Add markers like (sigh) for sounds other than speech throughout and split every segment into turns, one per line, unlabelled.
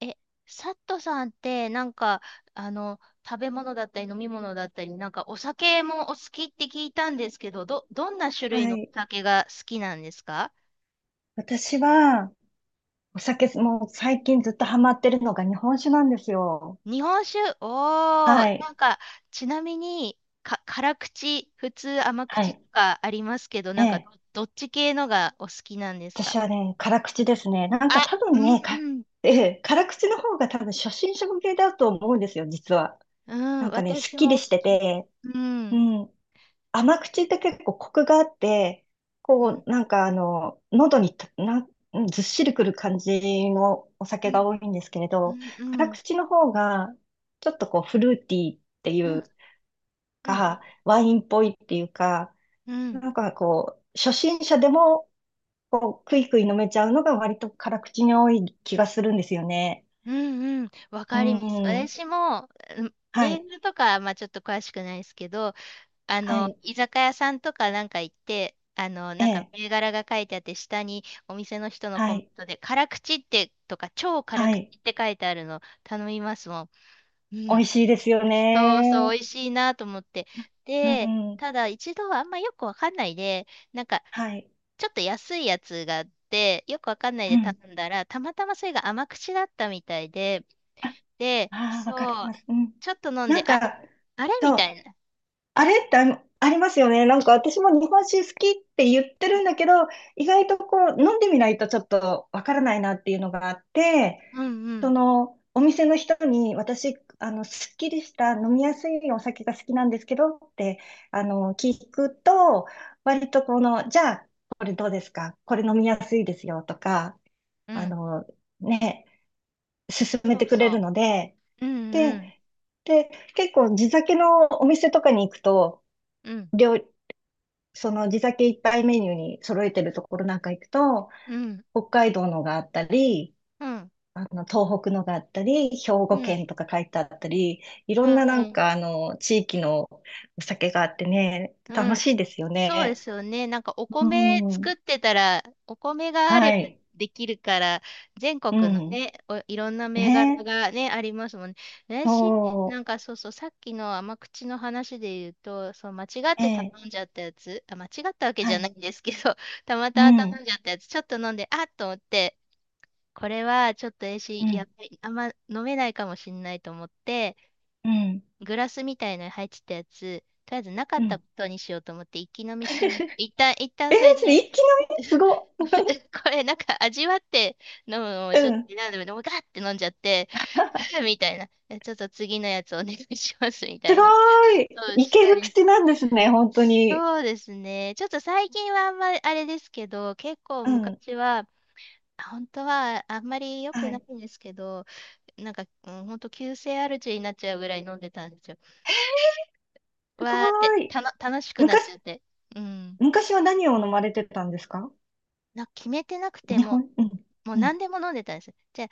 え、サットさんって、食べ物だったり飲み物だったり、なんかお酒もお好きって聞いたんですけど、どんな種類
は
のお
い。
酒が好きなんですか？
私は、お酒、もう最近ずっとハマってるのが日本酒なんですよ。
日本酒、おー、
は
な
い。
んか、ちなみに、辛口、普通甘
は
口
い。
とかありますけど、
え
なんか
え。
ど、どっち系のがお好きなんですか？
私はね、辛口ですね。なんか
あ、
多
う
分
ん
ね、
うん。
(laughs) ええ、辛口の方が多分初心者向けだと思うんですよ、実は。
う
な
ん、
んかね、すっ
私
きり
も好
して
き。
て、
う
う
ん。
ん。甘口って結構コクがあって、
う
こ
ん。
う、なんかあの、喉にたなん、ずっしりくる感じのお
う
酒が
ん。
多いんですけれ
う
ど、
ん。う
辛
ん。
口の方が、ちょっとこう、フルーティーってい
うん。
う、
うん。うん。
ワインっぽいっていうか、
うん
なんかこう、初心者でも、こう、クイクイ飲めちゃうのが割と辛口に多い気がするんですよね。
うんうん、わ
う
かります。
ん。
私も、うん
は
メー
い。
ルとか、まあちょっと詳しくないですけど、あ
は
の、
い。
居酒屋さんとかなんか行って、あの、
え
なんか
え。
銘柄が書いてあって、下にお店の人の
は
コメン
い。
トで、辛口ってとか、超辛
は
口
い。
って書いてあるの頼みますもん。う
美
ん。
味しいですよ
そうそう、美
ね。
味しいなと思って。
う
で、
ん。
ただ一度はあんまよくわかんないで、なんか、
はい。
ちょっと安いやつがあって、よくわかんない
う
で頼
ん。
んだら、たまたまそれが甘口だったみたいで、
あ
で、
あー、わかり
そう、
ます。うん。
ちょっと飲ん
な
で、
んか、
あれみ
そ
た
う。
いな。
あれってあのありますよね。なんか私も日本酒好きって言っ
う
て
ん
るんだけど、意外とこう飲んでみないとちょっとわからないなっていうのがあって、
うんう
そ
ん。
のお店の人に私、あの、すっきりした飲みやすいお酒が好きなんですけどって、あの、聞くと、割とこの、じゃあ、これどうですか？これ飲みやすいですよとか、
う
あ
ん
の、ね、勧め
そ
て
う
くれる
そ
ので、
う。うんう
で、
ん。
で、結構地酒のお店とかに行くと、
うん
料その地酒いっぱいメニューに揃えてるところなんか行くと、
うん。
北海道のがあったり、
うん
あの、東北のがあったり、兵
う
庫
ん。
県とか書いてあったり、い
う
ろ
んう
んななん
ん。
かあの、地域のお酒があってね、
う
楽
ん。
しいですよ
そうで
ね。
すよね。なんかお米
うん。
作ってたら、お米があ
は
れば
い。
できるから、全
う
国の
ん。
ね、お、いろんな銘柄
ね。
がね、ありますもんね。私、な
そ
ん
う。
かそうそう、さっきの甘口の話で言うと、そう、間違っ
え
て頼
え。
んじゃったやつ、あ、間違ったわけじ
は
ゃな
い。
いんですけど、(laughs) たま
う
たま頼
ん。
んじゃったやつ、ちょっと飲んで、あっと思って、これはちょっと私、
う
や
ん。
っぱりあんま飲めないかもしれないと思って、
うん。
グラスみたいのに入ってたやつ、とりあえずなか
う
った
ん。
ことにしようと思って一気飲
(laughs)
みしてみ、
え
一旦
ー、
それ
それ
で
一気飲みすご。
(laughs) これなんか味わって飲むのを
う
ちょっと
ん。
選んで、でもガーって飲んじゃって、(laughs)
(laughs)
みたいな。えちょっと次のやつお願いしますみた
す
い
ご
に。
ーい。
そう
い
し
け
た
る
り。
口なんですね、本当に。
そうですね。ちょっと最近はあんまりあれですけど、結構
うん。
昔は、本当はあんまり良く
は
な
い。
いんですけど、なんか、うん、本当急性アルチになっちゃうぐらい飲んでたんですよ。
すご
わーって、
ーい。
たの、楽しくなっ
昔、
ちゃって。うん。
昔は何を飲まれてたんですか？
な、決めてなくても、
うん。
もう
うん。
何でも飲んでたんですよ。じゃあ、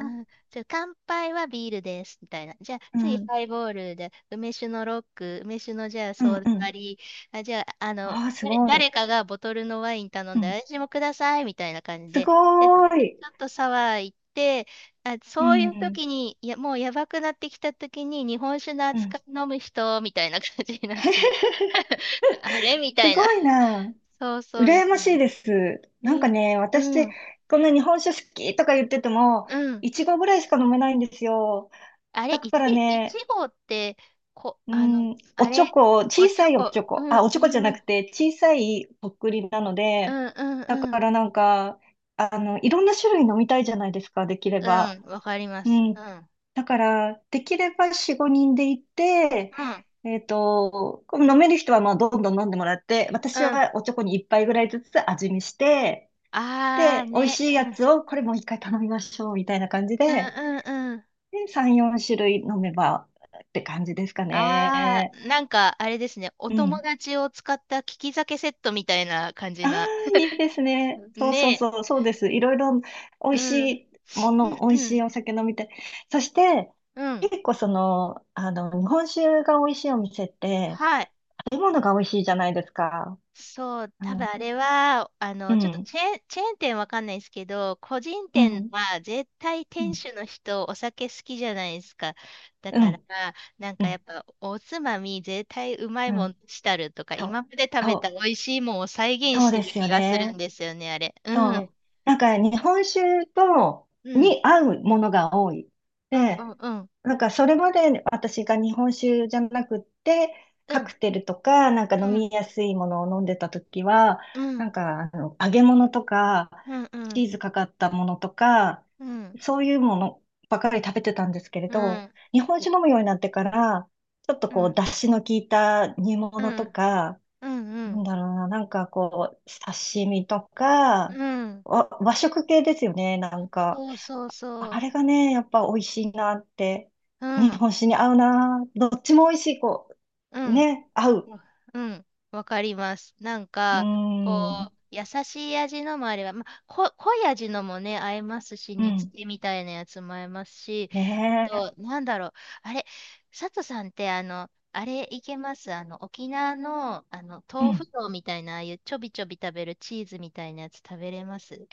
うん、じゃあ乾杯はビールです、みたいな。じゃあ、
あ、う
次
ん。
ハイボールで、梅酒のロック、梅酒のじゃあ
う
ソ
ん、
ー
う
ダ
ん。
割り、あ、じゃあ、あの、
ああ、すご
誰
い。
かがボトルのワイン頼
う
ん
ん。
で、私もください、みたいな感じ
す
で、で、
ごー
でち
い。
ょっとサワー行って、あ、
う
そういう
ん。
時に、いや、もうやばくなってきた時に、日本酒の
うん。
扱い飲む人、みたいな感じになって、
(laughs)
(laughs) あれみた
す
いな。
ごいな。
そうそう、み
羨ま
たい
し
な。
いです。なんか
ね、
ね、
う
私、
ん、
こんな日本酒好きとか言ってても、
うん。
いちごぐらいしか飲めないんですよ。
あれ、
だから
いち
ね、
ごって、こ、
う
あの、
ん、お
あ
ち
れ、
ょこ、
お
小
チ
さ
ョ
いおち
コ、
ょ
う
こ、
ん、
あ、おち
う
ょこじゃ
ん、
な
う
く
ん、
て、小さいとっくりなの
う
で、
ん、
だ
う
か
ん、
らなんか、あの、いろんな種類飲みたいじゃないですか、できれ
う
ば。
ん、わかりま
う
す。う
ん。
ん、
だから、できれば4、5人で行って、
うん、
この飲める人はまあどんどん飲んでもらって、
う
私
ん。
はおちょこに1杯ぐらいずつ味見して、
あー
で、美味し
ね、う
いや
ん、う
つをこれもう一回頼みましょう、みたいな感じ
ん、う
で、
ん、うん。
で、3、4種類飲めばって感じですか
あ
ね。
ー、なんか、あれですね、お
う
友
ん。
達を使った利き酒セットみたいな感じ
あ
な。
あ、いいですね。そう
ね
そうそう、そうです。いろいろ美
え、う
味し
ん、
いも
う
の、美
ん、
味
う
しい
ん、
お酒飲みたい。そして、
うん。
結構その、あの、日本酒が美味しいお店って、
はい。
食べ物が美味しいじゃないですか。
そう、
あ
多分
の
あれは、あ
う
の、ちょっと
ん、
チェーン店わかんないですけど、個人
うん、う
店
ん、
は絶対
う
店
ん、
主の人お酒好きじゃないですか。だから、なん
う
かや
ん、
っぱおつまみ絶対うまい
う
も
ん、
んしたるとか、
そう、
今まで食
そ
べた
う、
美味しいもんを再現
そ
し
う
て
で
る
す
気
よ
がする
ね。
んですよね、あれ。う
そ
ん。
う。なんか日本酒と、
うん。
に合うものが多い。
うん。
で、
うん。
なんかそれまで私が日本酒じゃなくって、
う
カ
ん。
クテルとか、なんか
う
飲み
ん。
やすいものを飲んでた時は、
う
な
ん。
んかあの揚げ物とか、
う
チ
ん。
ーズかかったものとか、
うん。
そういうものばかり食べてたんですけれ
う
ど、
ん。
日本酒飲むようになってから、ちょっと
うん。う
こう、
ん。
出汁の効いた煮
う
物と
ん。
か、
うん。う
なん
ん。
だろうな、なんかこう、刺身とか、
うん
和食系ですよね、なんか。
そうそうそ
あ
う。
れがね、やっぱ美味しいなって、
う
日
ん。
本酒に合うな、どっちも美味しい、こ
う
う、
ん。
ね、合う。
わうん、わかります。なん
うー
か、こ
ん、
う、優しい味のもあれば、まあ、こ、濃い味のもね、合いますし、
う
煮つ
ん、
けみたいなやつも合いますし、あ
ねえ、
と、なんだろう、あれ、佐藤さんって、あの、あれいけますあの、沖縄の、あの、
う
豆腐
ん。
丼みたいな、ああいうちょびちょび食べるチーズみたいなやつ食べれます？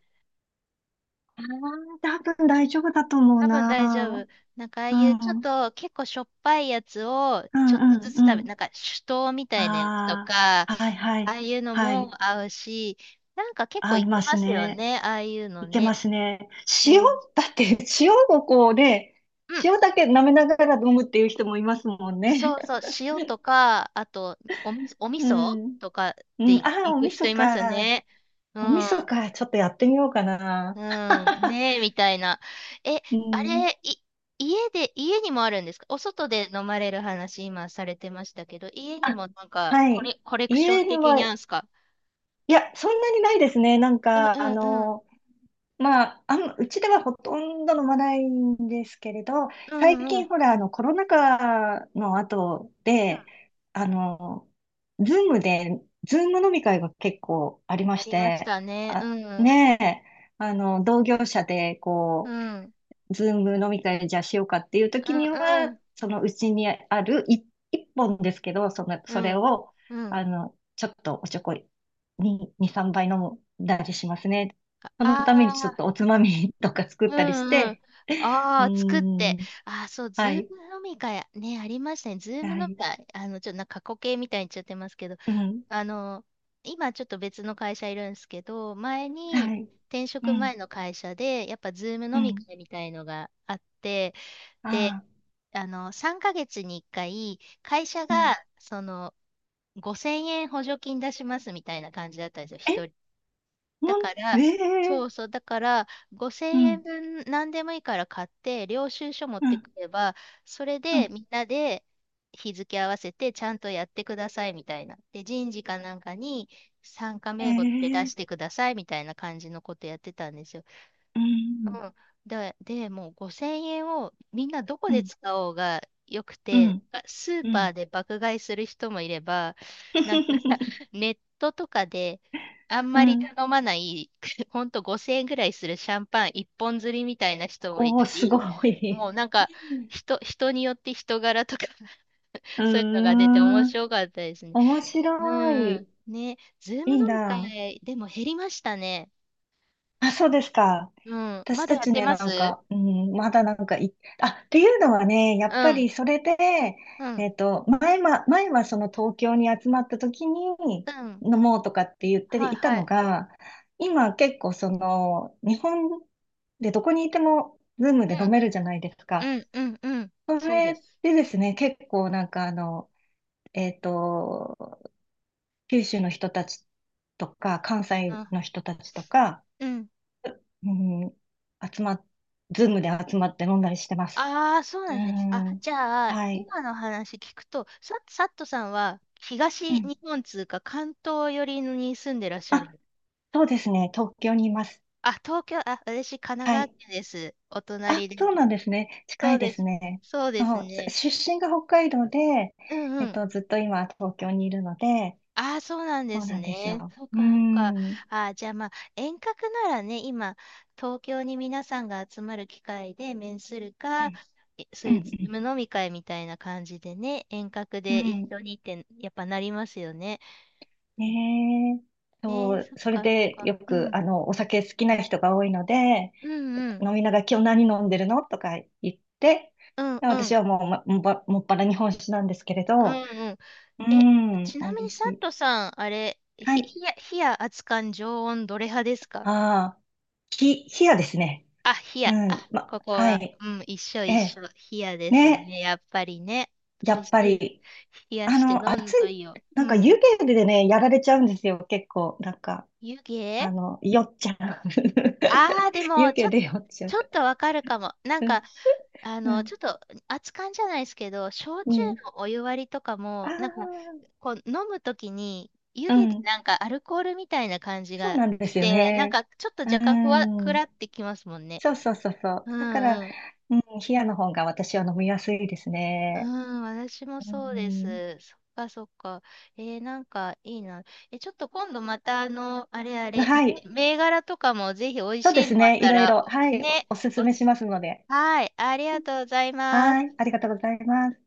ああ、多分大丈夫だと思う
多分大丈
な。
夫。なんかああ
う
いうちょ
ん、
っ
うん、
と結構しょっぱいやつを
う
ちょっとず
ん、
つ食
う
べ、
ん。
なんか酒盗みたいなやつと
あ
か、あ
あ、はい、はい、
あいうの
は
も
い。
合うし、なんか結構
合
い
い
け
ま
ま
す
すよ
ね。
ね、ああいうの
いけま
ね。
すね。
う
塩、
ん。
だって (laughs) 塩をこうね、
うん、
塩だけ舐めながら飲むっていう人もいますもんね。
そうそう、塩とか、あとおみ、
(laughs)
お味
う
噌
ん。
とか
う
で
ん、
い
ああ、
行
お
く
味
人
噌
いますよ
か。
ね。う
お味噌
ん、
か。ちょっとやってみようか
う
な。
ん、
(laughs)
ねえ、みたいな。え、
う
あ
ん。
れ、い、家で、家にもあるんですか？お外で飲まれる話、今されてましたけど、家にもなんか、
はい。
コレクショ
家
ン
に
的
は、
にあるん
い
ですか？
や、そんなにないですね。なん
うんう
か、あ
んうん、
の、まあ、うちではほとんど飲まないんですけれど、
う
最
んうん、う
近
ん
ほら、あの、コロナ禍の後で、あの、ズーム飲み会が結構ありま
あ
し
りまし
て、
たね。う
あ、
ん、うん、
ねえ、あの、同業者で、
う
こう、
ん
ズーム飲み会じゃあしようかっていう
う
時には、
ん。
そのうちにあるい一本ですけど、その、そ
う
れ
ん。
を、
うん。
あの、ちょっとおちょこに、2、3杯飲んだりしますね。その
あ
ためにちょっ
あ、
とおつまみとか作
う
ったりし
んうん。
て、う
ああ、作っ
ー
て。
ん、
ああ、そう、ズー
はい、
ム飲み会、ね、ありましたね。ズーム
は
飲み
い、
会、あの、ちょっとなんか過去形みたいに言っちゃってますけど、
うん、
あの、今ちょっと別の会社いるんですけど、前
は
に、
い、
転
う
職
ん、
前の会社で、やっぱズーム
う
飲み
ん、
会みたいのがあって、で、
ああ、
あの、3ヶ月に1回、会社
う
が、
ん。
その、5000円補助金出しますみたいな感じだったんですよ。
え、
一だ
も
か
ん、
ら、
え
そ
え
うそう、だから、
う
5000円
ん、
分何でもいいから買って、領収書持っ
う
て
ん、
くれば、それ
う
で
ん、
みんなで日付合わせてちゃんとやってくださいみたいな。で、人事かなんかに参加名簿って出
え
して
え
くださいみたいな感じのことやってたんですよ。
うん、
うんで、でもう5000円をみんなどこ
う
で
ん、
使おうがよく
う
て、
ん、
あスー
う
パ
ん。
ーで爆買いする人もいれば、なんか (laughs)
(laughs)
ネットとかであん
う
まり
ん。
頼まない、(laughs) ほんと5000円ぐらいするシャンパン一本釣りみたいな人もいた
おー、すご
り、
い。
もうなんか
(laughs)
人によって人柄とか (laughs)
うー
そういうのが出て面
ん。
白かったですね。
面白い。
うん。ね、ズーム
いい
飲み
な。
会でも減りましたね。
あ、そうですか？
うん。
私
まだ
た
やっ
ち
て
ね、
ま
なん
す？
か、うん、まだなんかい、あ、っていうのはね、やっ
う
ぱ
ん。
りそれで、
うん。
前はその東京に集まった時に
うん。
飲もうとかって言って
はい
いた
は
の
い。
が、今結構その、日本でどこにいても、ズーム
う
で飲
ん。
めるじゃないですか。
うんうんうん。
そ
そうで
れ
す。
でですね、結構なんかあの、えっと、九州の人たちとか、関西
あ、
の人たちとか、
うん。
うん、集まっ、ズームで集まって飲んだりしてます。
ああ、そうな
う
んですね。あ、
ん、
じゃあ、
はい。
今の話聞くと、さ、サットさんは
う
東
ん。
日本通か関東寄りに住んでらっしゃ
あ、
る。
そうですね。東京にいます。
あ、東京、あ、私、神奈
は
川
い。
県です。お
あ、
隣で。
そうなんですね。
そ
近
う
いで
で
す
す。
ね。
そうです
そう、
ね。
出身が北海道で、
うん
ずっと今東京にいるので、
ああ、そうなんで
そう
す
なんです
ね。
よ。
そう
う
か、そうか。あ
ん。うん。
あ、じゃあまあ、遠隔ならね、今、東京に皆さんが集まる機会で面するか、えそ
う
ういうズー
ん。
ム飲み会みたいな感じでね、遠隔
う
で一
ん。うん
緒にって、やっぱなりますよね。うん
ねえ。
え
そ
ー、
う、
そっ
それ
か、そっ
でよ
か。う
く、
ん。
あの、お酒好きな人が多いので、
うんうん。
飲みながら今日何飲んでるのとか言って、
うんう
私
ん。
はもう、ま、もっぱら日本酒なんですけれ
う
ど、
んうん。
う
え、
ん、
ち
美
なみ
味
に、サ
し
ッ
い。
トさん、あれ、
はい。
ひや熱燗常温どれ派ですか？
ああ、冷やですね。
あ、冷
う
や。
ん、
あ、
ま、
ここ
は
は、
い。
うん、一緒
え
一緒。
え、
冷やです
ね、
ね。やっぱりね。美
や
味
っ
し
ぱ
いです。
り、
冷や
あ
して飲
の、あ、
むといいよ。
な
う
んか湯
ん。
気でね、やられちゃうんですよ、結構。なんか、
湯気
あの、酔っちゃう。
ああー、で
(laughs) 湯
も、ち
気
ょ、
で酔っちゃ
ち
う。
ょっとわかるかも。なん
うん、
か、あ
う
の、ちょっ
ん
と、熱燗じゃないですけど、焼
う
酎
ん。
のお湯割りとか
あ
も、なんか、
あ、
こう、飲むときに、湯
う
気で
ん。
なんかアルコールみたいな感じ
そう
が
なんで
し
すよ
て、なん
ね。
か、ちょっと
う
若干ふわ、く
ん。
らってきますもんね。
そうそうそうそう。
う
だから、
ん
うん、冷やの方が私は飲みやすいです
う
ね。
ん、私も
う
そうで
ん。
す。そっかそっか。えー、なんかいいな。え、ちょっと今度またあの、あれあれ、
はい。
め銘柄とかもぜひ美味
そ
し
うで
い
す
のあっ
ね。い
た
ろい
ら、
ろ。はい。お
ね、
おすす
お
めし
す
ますので。
はい、ありがとうございます。
はい。ありがとうございます。